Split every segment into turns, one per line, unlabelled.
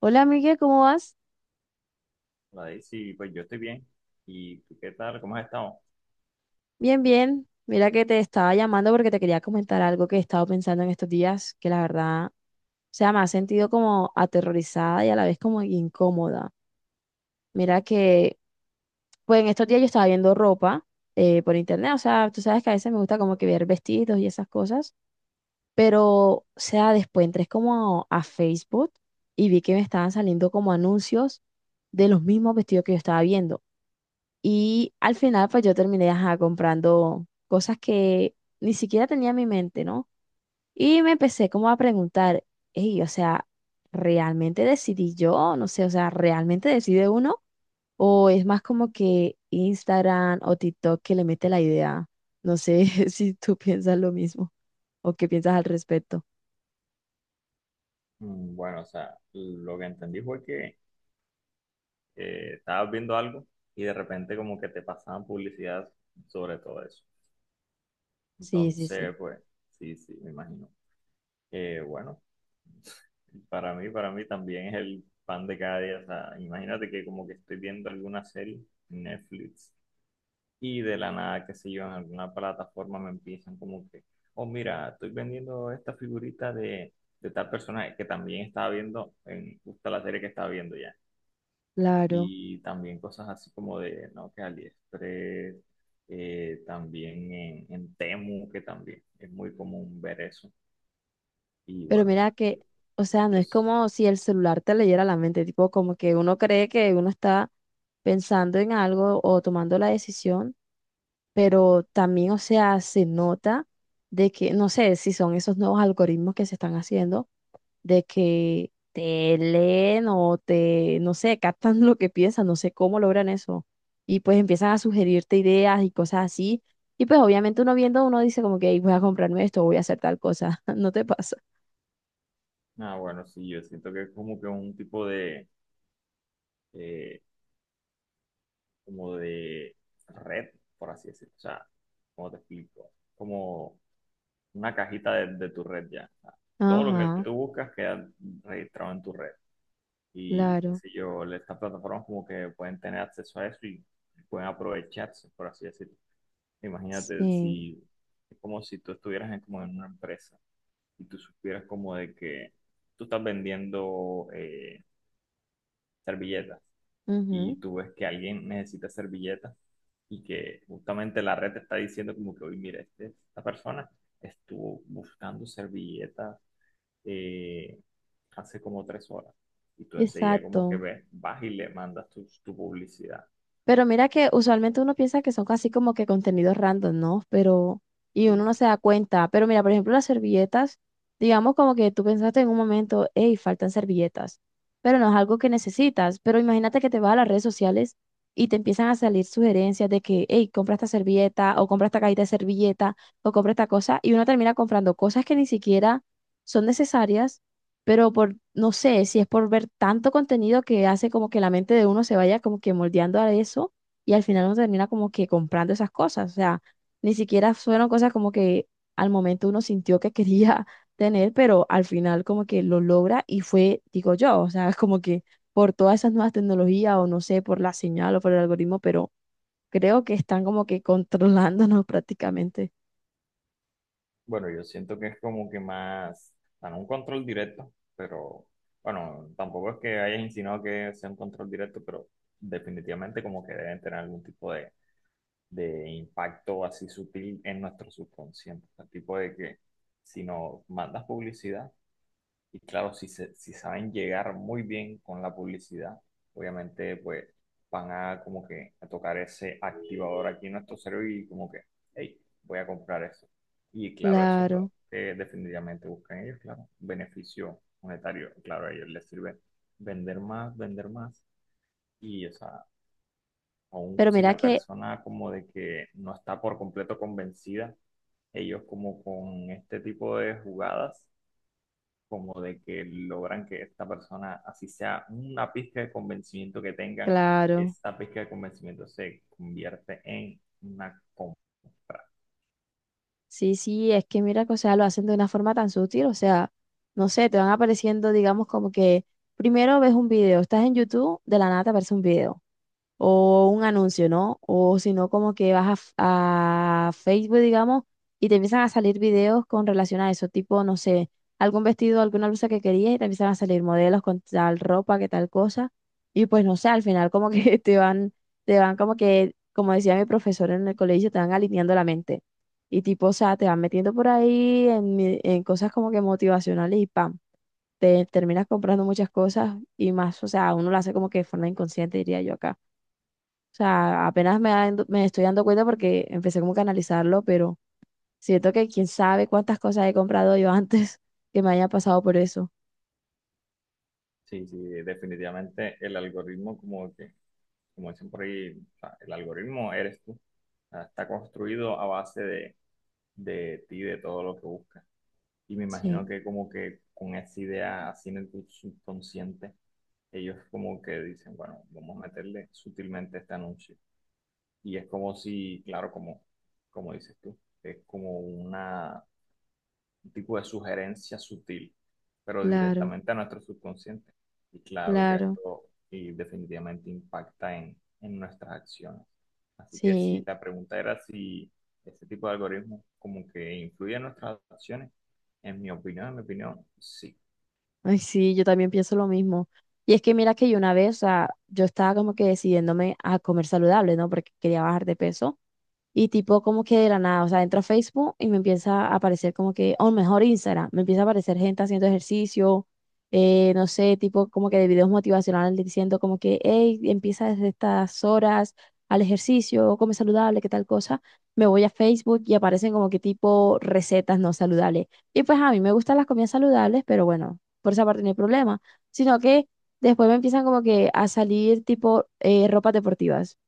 Hola, Miguel, ¿cómo vas?
Vale, sí, pues yo estoy bien. ¿Y tú qué tal? ¿Cómo has estado?
Bien, bien. Mira que te estaba llamando porque te quería comentar algo que he estado pensando en estos días, que la verdad, o sea, me ha sentido como aterrorizada y a la vez como incómoda. Mira que, pues en estos días yo estaba viendo ropa por internet, o sea, tú sabes que a veces me gusta como que ver vestidos y esas cosas, pero, o sea, después entré como a Facebook y vi que me estaban saliendo como anuncios de los mismos vestidos que yo estaba viendo. Y al final, pues yo terminé ajá, comprando cosas que ni siquiera tenía en mi mente, ¿no? Y me empecé como a preguntar, hey, o sea, ¿realmente decidí yo? No sé, o sea, ¿realmente decide uno? ¿O es más como que Instagram o TikTok que le mete la idea? No sé si tú piensas lo mismo o qué piensas al respecto.
Mm, bueno, o sea, lo que entendí fue que estabas viendo algo y de repente como que te pasaban publicidad sobre todo eso.
Sí, sí,
Entonces,
sí.
pues, sí, sí, me imagino. Bueno, para mí también es el pan de cada día. O sea, imagínate que como que estoy viendo alguna serie en Netflix. Y de la nada, qué sé yo, en alguna plataforma me empiezan como que, oh, mira, estoy vendiendo esta figurita de tal personaje que también estaba viendo en justo la serie que estaba viendo ya.
Claro.
Y también cosas así como de, ¿no? Que AliExpress, también en Temu, que también es muy común ver eso. Y
Pero
bueno, o
mira
sea,
que, o sea, no
yo,
es
s-
como si el celular te leyera la mente, tipo como que uno cree que uno está pensando en algo o tomando la decisión, pero también, o sea, se nota de que, no sé si son esos nuevos algoritmos que se están haciendo, de que te leen o te, no sé, captan lo que piensas, no sé cómo logran eso. Y pues empiezan a sugerirte ideas y cosas así. Y pues obviamente uno viendo, uno dice como que "Ey, voy a comprarme esto, voy a hacer tal cosa", ¿no te pasa?
ah, bueno, sí, yo siento que es como que un tipo de, eh, como de red, por así decirlo. O sea, ¿cómo te explico? Como una cajita de tu red ya. O sea, todo lo que
Ajá.
tú buscas queda registrado en tu red. Y qué
Claro,
sé yo, estas plataformas como que pueden tener acceso a eso y pueden aprovecharse, por así decirlo. Imagínate
sí.
si es como si tú estuvieras en, como en una empresa y tú supieras como de que tú estás vendiendo servilletas, y
Ujú.
tú ves que alguien necesita servilletas y que justamente la red te está diciendo como que, oye, mira, esta persona estuvo buscando servilletas eh, hace como tres horas y tú enseguida como que
Exacto.
ves, vas y le mandas tu publicidad.
Pero mira que usualmente uno piensa que son casi como que contenidos random, ¿no? Pero, y uno
Y
no se da cuenta. Pero mira, por ejemplo, las servilletas, digamos como que tú pensaste en un momento, hey, faltan servilletas, pero no es algo que necesitas. Pero imagínate que te vas a las redes sociales y te empiezan a salir sugerencias de que, hey, compra esta servilleta, o compra esta cajita de servilleta, o compra esta cosa, y uno termina comprando cosas que ni siquiera son necesarias pero por, no sé, si es por ver tanto contenido que hace como que la mente de uno se vaya como que moldeando a eso y al final uno termina como que comprando esas cosas, o sea, ni siquiera fueron cosas como que al momento uno sintió que quería tener, pero al final como que lo logra y fue, digo yo, o sea, como que por todas esas nuevas tecnologías o no sé, por la señal o por el algoritmo, pero creo que están como que controlándonos prácticamente.
bueno, yo siento que es como que más, dan un control directo, pero bueno, tampoco es que hayas insinuado que sea un control directo, pero definitivamente como que deben tener algún tipo de impacto así sutil en nuestro subconsciente. El tipo de que si nos mandas publicidad, y claro, si saben llegar muy bien con la publicidad, obviamente pues van a como que a tocar ese activador aquí en nuestro cerebro y como que, hey, voy a comprar eso. Y claro, eso es lo
Claro,
que definitivamente buscan ellos, claro, beneficio monetario. Claro, a ellos les sirve vender más, vender más. Y, o sea, aún
pero
si
mira
la
que,
persona como de que no está por completo convencida, ellos como con este tipo de jugadas, como de que logran que esta persona, así sea una pizca de convencimiento que tengan,
claro.
esta pizca de convencimiento se convierte en una compra.
Sí, sí, es que mira que, o sea, lo hacen de una forma tan sutil, o sea, no sé, te van apareciendo, digamos, como que primero ves un video, estás en YouTube, de la nada te aparece un video o un anuncio, ¿no? O si no, como que vas a, f- a Facebook, digamos, y te empiezan a salir videos con relación a eso, tipo, no sé, algún vestido, alguna blusa que querías y te empiezan a salir modelos con tal ropa, que tal cosa, y pues no sé, al final como que te van como que, como decía mi profesor en el colegio, te van alineando la mente. Y tipo, o sea, te van metiendo por ahí en, mi- en cosas como que motivacionales y pam, te terminas comprando muchas cosas y más, o sea, uno lo hace como que de forma inconsciente, diría yo acá. O sea, apenas me, dando- me estoy dando cuenta porque empecé como que a analizarlo, pero siento que quién sabe cuántas cosas he comprado yo antes que me haya pasado por eso.
Sí, sí, definitivamente el algoritmo como que, como dicen por ahí, o sea, el algoritmo eres tú. O sea, está construido a base de ti, de todo lo que buscas. Y me imagino
Sí,
que como que con esa idea así en el subconsciente, ellos como que dicen, bueno, vamos a meterle sutilmente este anuncio. Y es como si, claro, como, como dices tú, es como una un tipo de sugerencia sutil, pero
claro,
directamente a nuestro subconsciente. Y claro que
claro.
esto y definitivamente impacta en nuestras acciones. Así que si
Sí,
la pregunta era si este tipo de algoritmos como que influye en nuestras acciones, en mi opinión, sí.
ay, sí, yo también pienso lo mismo. Y es que mira que yo una vez, o sea, yo estaba como que decidiéndome a comer saludable, ¿no? Porque quería bajar de peso. Y tipo como que de la nada, o sea, entro a Facebook y me empieza a aparecer como que, o mejor Instagram, me empieza a aparecer gente haciendo ejercicio, no sé, tipo como que de videos motivacionales diciendo como que, hey, empieza desde estas horas al ejercicio, come saludable, qué tal cosa. Me voy a Facebook y aparecen como que tipo recetas no saludables. Y pues a mí me gustan las comidas saludables, pero bueno, por esa parte no hay problema, sino que después me empiezan como que a salir tipo ropas deportivas.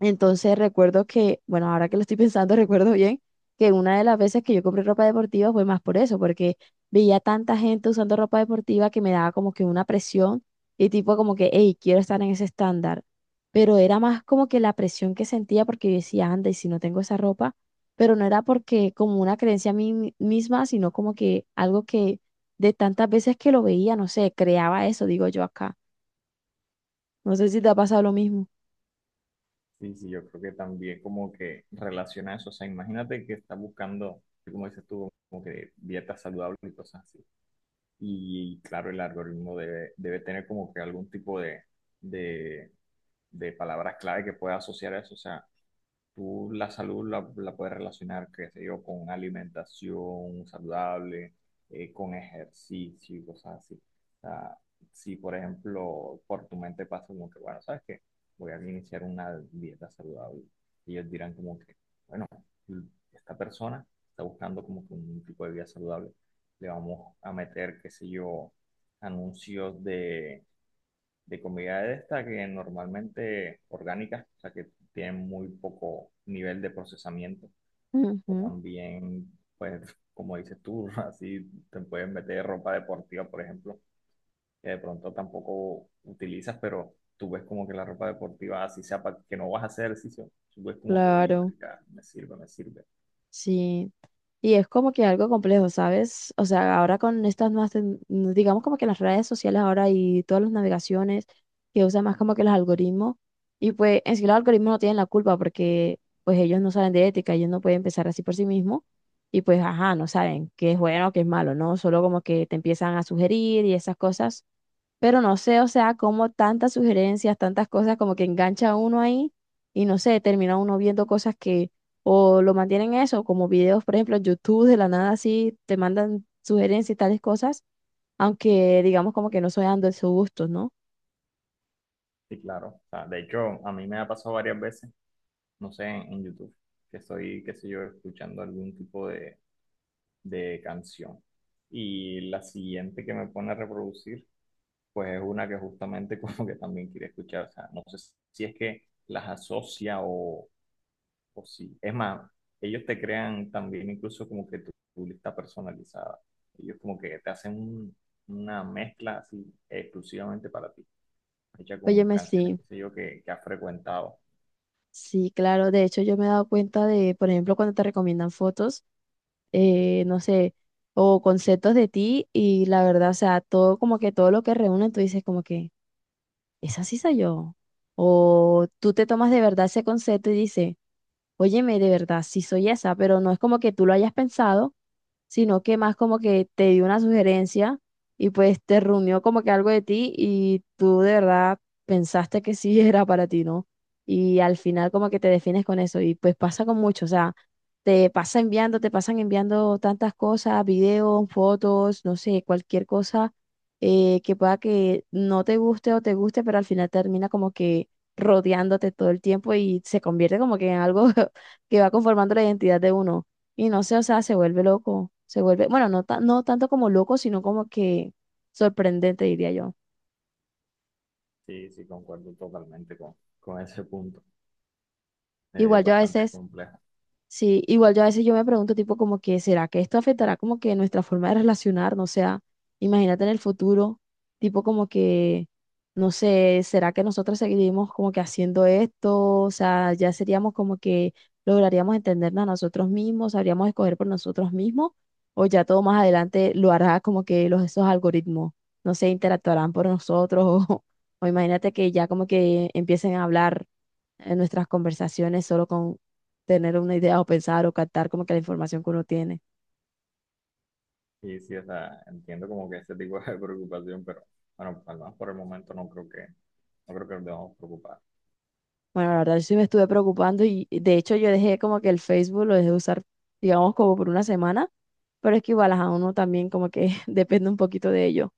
Entonces recuerdo que, bueno, ahora que lo estoy pensando, recuerdo bien que una de las veces que yo compré ropa deportiva fue más por eso, porque veía tanta gente usando ropa deportiva que me daba como que una presión y tipo como que, hey, quiero estar en ese estándar. Pero era más como que la presión que sentía porque yo decía, anda, y si no tengo esa ropa, pero no era porque como una creencia a mí mi- misma, sino como que algo que de tantas veces que lo veía, no sé, creaba eso, digo yo acá. No sé si te ha pasado lo mismo.
Sí, sí, yo creo que también como que relaciona eso. O sea, imagínate que estás buscando, como dices tú, como que dietas saludables y cosas así. Y claro, el algoritmo debe tener como que algún tipo de de palabras clave que pueda asociar eso. O sea, tú la salud la puedes relacionar, qué sé yo, con alimentación saludable, con ejercicio y cosas así. O sea, si por ejemplo por tu mente pasa como que, bueno, ¿sabes qué? Voy a iniciar una dieta saludable. Y ellos dirán como que, bueno, esta persona está buscando como que un tipo de vida saludable. Le vamos a meter, qué sé yo, anuncios de comida de esta que normalmente orgánicas, o sea que tienen muy poco nivel de procesamiento. O
Ujú,
también, pues, como dices tú, así te pueden meter ropa deportiva, por ejemplo, que de pronto tampoco utilizas, pero tú ves como que la ropa deportiva, así sea para que no vas a hacer ejercicio, tú ves como que, uy,
claro.
marica, me sirve, me sirve.
Sí, y es como que algo complejo, ¿sabes? O sea, ahora con estas nuevas, tec- digamos como que las redes sociales ahora y todas las navegaciones que usan más como que los algoritmos, y pues en sí los algoritmos no tienen la culpa porque pues ellos no saben de ética, ellos no pueden pensar así por sí mismos, y pues ajá, no saben qué es bueno, qué es malo, ¿no? Solo como que te empiezan a sugerir y esas cosas. Pero no sé, o sea, como tantas sugerencias, tantas cosas como que engancha a uno ahí y no sé, termina uno viendo cosas que o lo mantienen eso, como videos, por ejemplo, en YouTube de la nada así, te mandan sugerencias y tales cosas, aunque digamos como que no soy dando esos gustos, ¿no?
Sí, claro. O sea, de hecho, a mí me ha pasado varias veces, no sé, en YouTube, que estoy, qué sé yo, escuchando algún tipo de canción. Y la siguiente que me pone a reproducir, pues es una que justamente como que también quería escuchar. O sea, no sé si es que las asocia o sí. Es más, ellos te crean también incluso como que tu lista personalizada. Ellos como que te hacen una mezcla así exclusivamente para ti, hecha con
Óyeme,
canciones,
sí,
qué sé yo, que has frecuentado.
sí, claro, de hecho yo me he dado cuenta de, por ejemplo, cuando te recomiendan fotos, no sé, o conceptos de ti y la verdad, o sea, todo como que todo lo que reúnen, tú dices como que... esa sí soy yo. O tú te tomas de verdad ese concepto y dices, óyeme, de verdad, sí soy esa, pero no es como que tú lo hayas pensado sino que más como que te dio una sugerencia y pues te reunió como que algo de ti y tú de verdad pensaste que sí era para ti, ¿no? Y al final como que te defines con eso y pues pasa con mucho, o sea, te pasa enviando, te pasan enviando tantas cosas, videos, fotos, no sé, cualquier cosa que pueda que no te guste o te guste, pero al final termina como que rodeándote todo el tiempo y se convierte como que en algo que va conformando la identidad de uno. Y no sé, o sea, se vuelve loco, se vuelve, bueno, no, ta- no tanto como loco, sino como que sorprendente, diría yo.
Sí, sí, concuerdo totalmente con ese punto. Es
Igual yo a
bastante
veces
compleja.
sí, igual yo a veces yo me pregunto tipo como que, ¿será que esto afectará como que nuestra forma de relacionarnos? O sea, imagínate en el futuro, tipo como que, no sé, ¿será que nosotros seguiremos como que haciendo esto? O sea, ya seríamos como que lograríamos entendernos a nosotros mismos, sabríamos escoger por nosotros mismos, o ya todo más adelante lo hará como que los, esos algoritmos, no sé, interactuarán por nosotros, o imagínate que ya como que empiecen a hablar en nuestras conversaciones solo tener una idea o pensar o captar como que la información que uno tiene.
Y sí, o sea, entiendo como que ese tipo de preocupación, pero bueno, al menos por el momento no creo que nos debamos preocupar.
Bueno, la verdad yo sí me estuve preocupando y de hecho yo dejé como que el Facebook lo dejé de usar, digamos, como por una semana, pero es que igual a uno también como que depende un poquito de ello.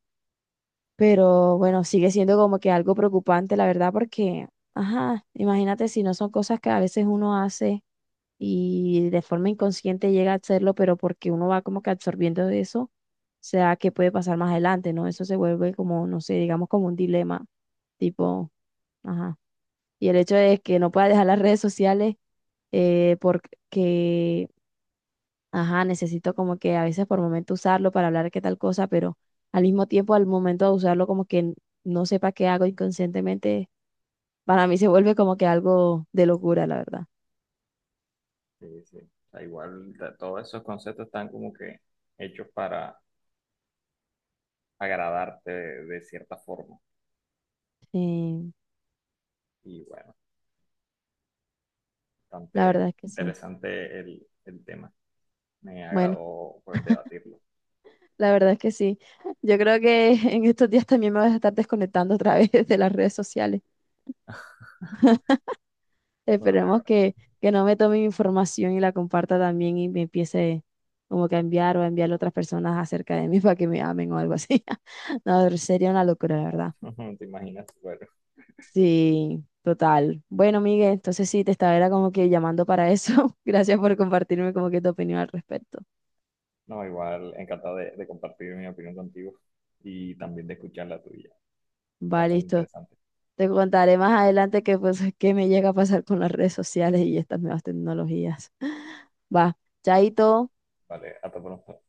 Pero bueno, sigue siendo como que algo preocupante, la verdad, porque, ajá, imagínate si no son cosas que a veces uno hace y de forma inconsciente llega a hacerlo, pero porque uno va como que absorbiendo de eso, o sea, qué puede pasar más adelante, ¿no? Eso se vuelve como, no sé, digamos como un dilema, tipo, ajá. Y el hecho de que no pueda dejar las redes sociales porque, ajá, necesito como que a veces por momento usarlo para hablar qué tal cosa, pero al mismo tiempo, al momento de usarlo, como que n- no sepa qué hago inconscientemente, para mí se vuelve como que algo de locura, la verdad.
Sí, sí. O sea, igual todos esos conceptos están como que hechos para agradarte de cierta forma.
Sí,
Y bueno,
la
bastante
verdad es que sí.
interesante el tema. Me
Bueno.
agradó pues, debatirlo.
La verdad es que sí. Yo creo que en estos días también me voy a estar desconectando otra vez de las redes sociales. Esperemos
Vale,
que no me tome mi información y la comparta también y me empiece como que a enviar o a enviar a otras personas acerca de mí para que me amen o algo así. No, sería una locura, la verdad.
vale. ¿Te imaginas? Bueno,
Sí, total. Bueno, Miguel, entonces sí, te estaba era como que llamando para eso. Gracias por compartirme como que tu opinión al respecto.
no, igual encantado de compartir mi opinión contigo y también de escuchar la tuya.
Va,
Bastante
listo.
interesante.
Te contaré más adelante qué pues, qué me llega a pasar con las redes sociales y estas nuevas tecnologías. Va, chaito.
Vale, hasta pronto.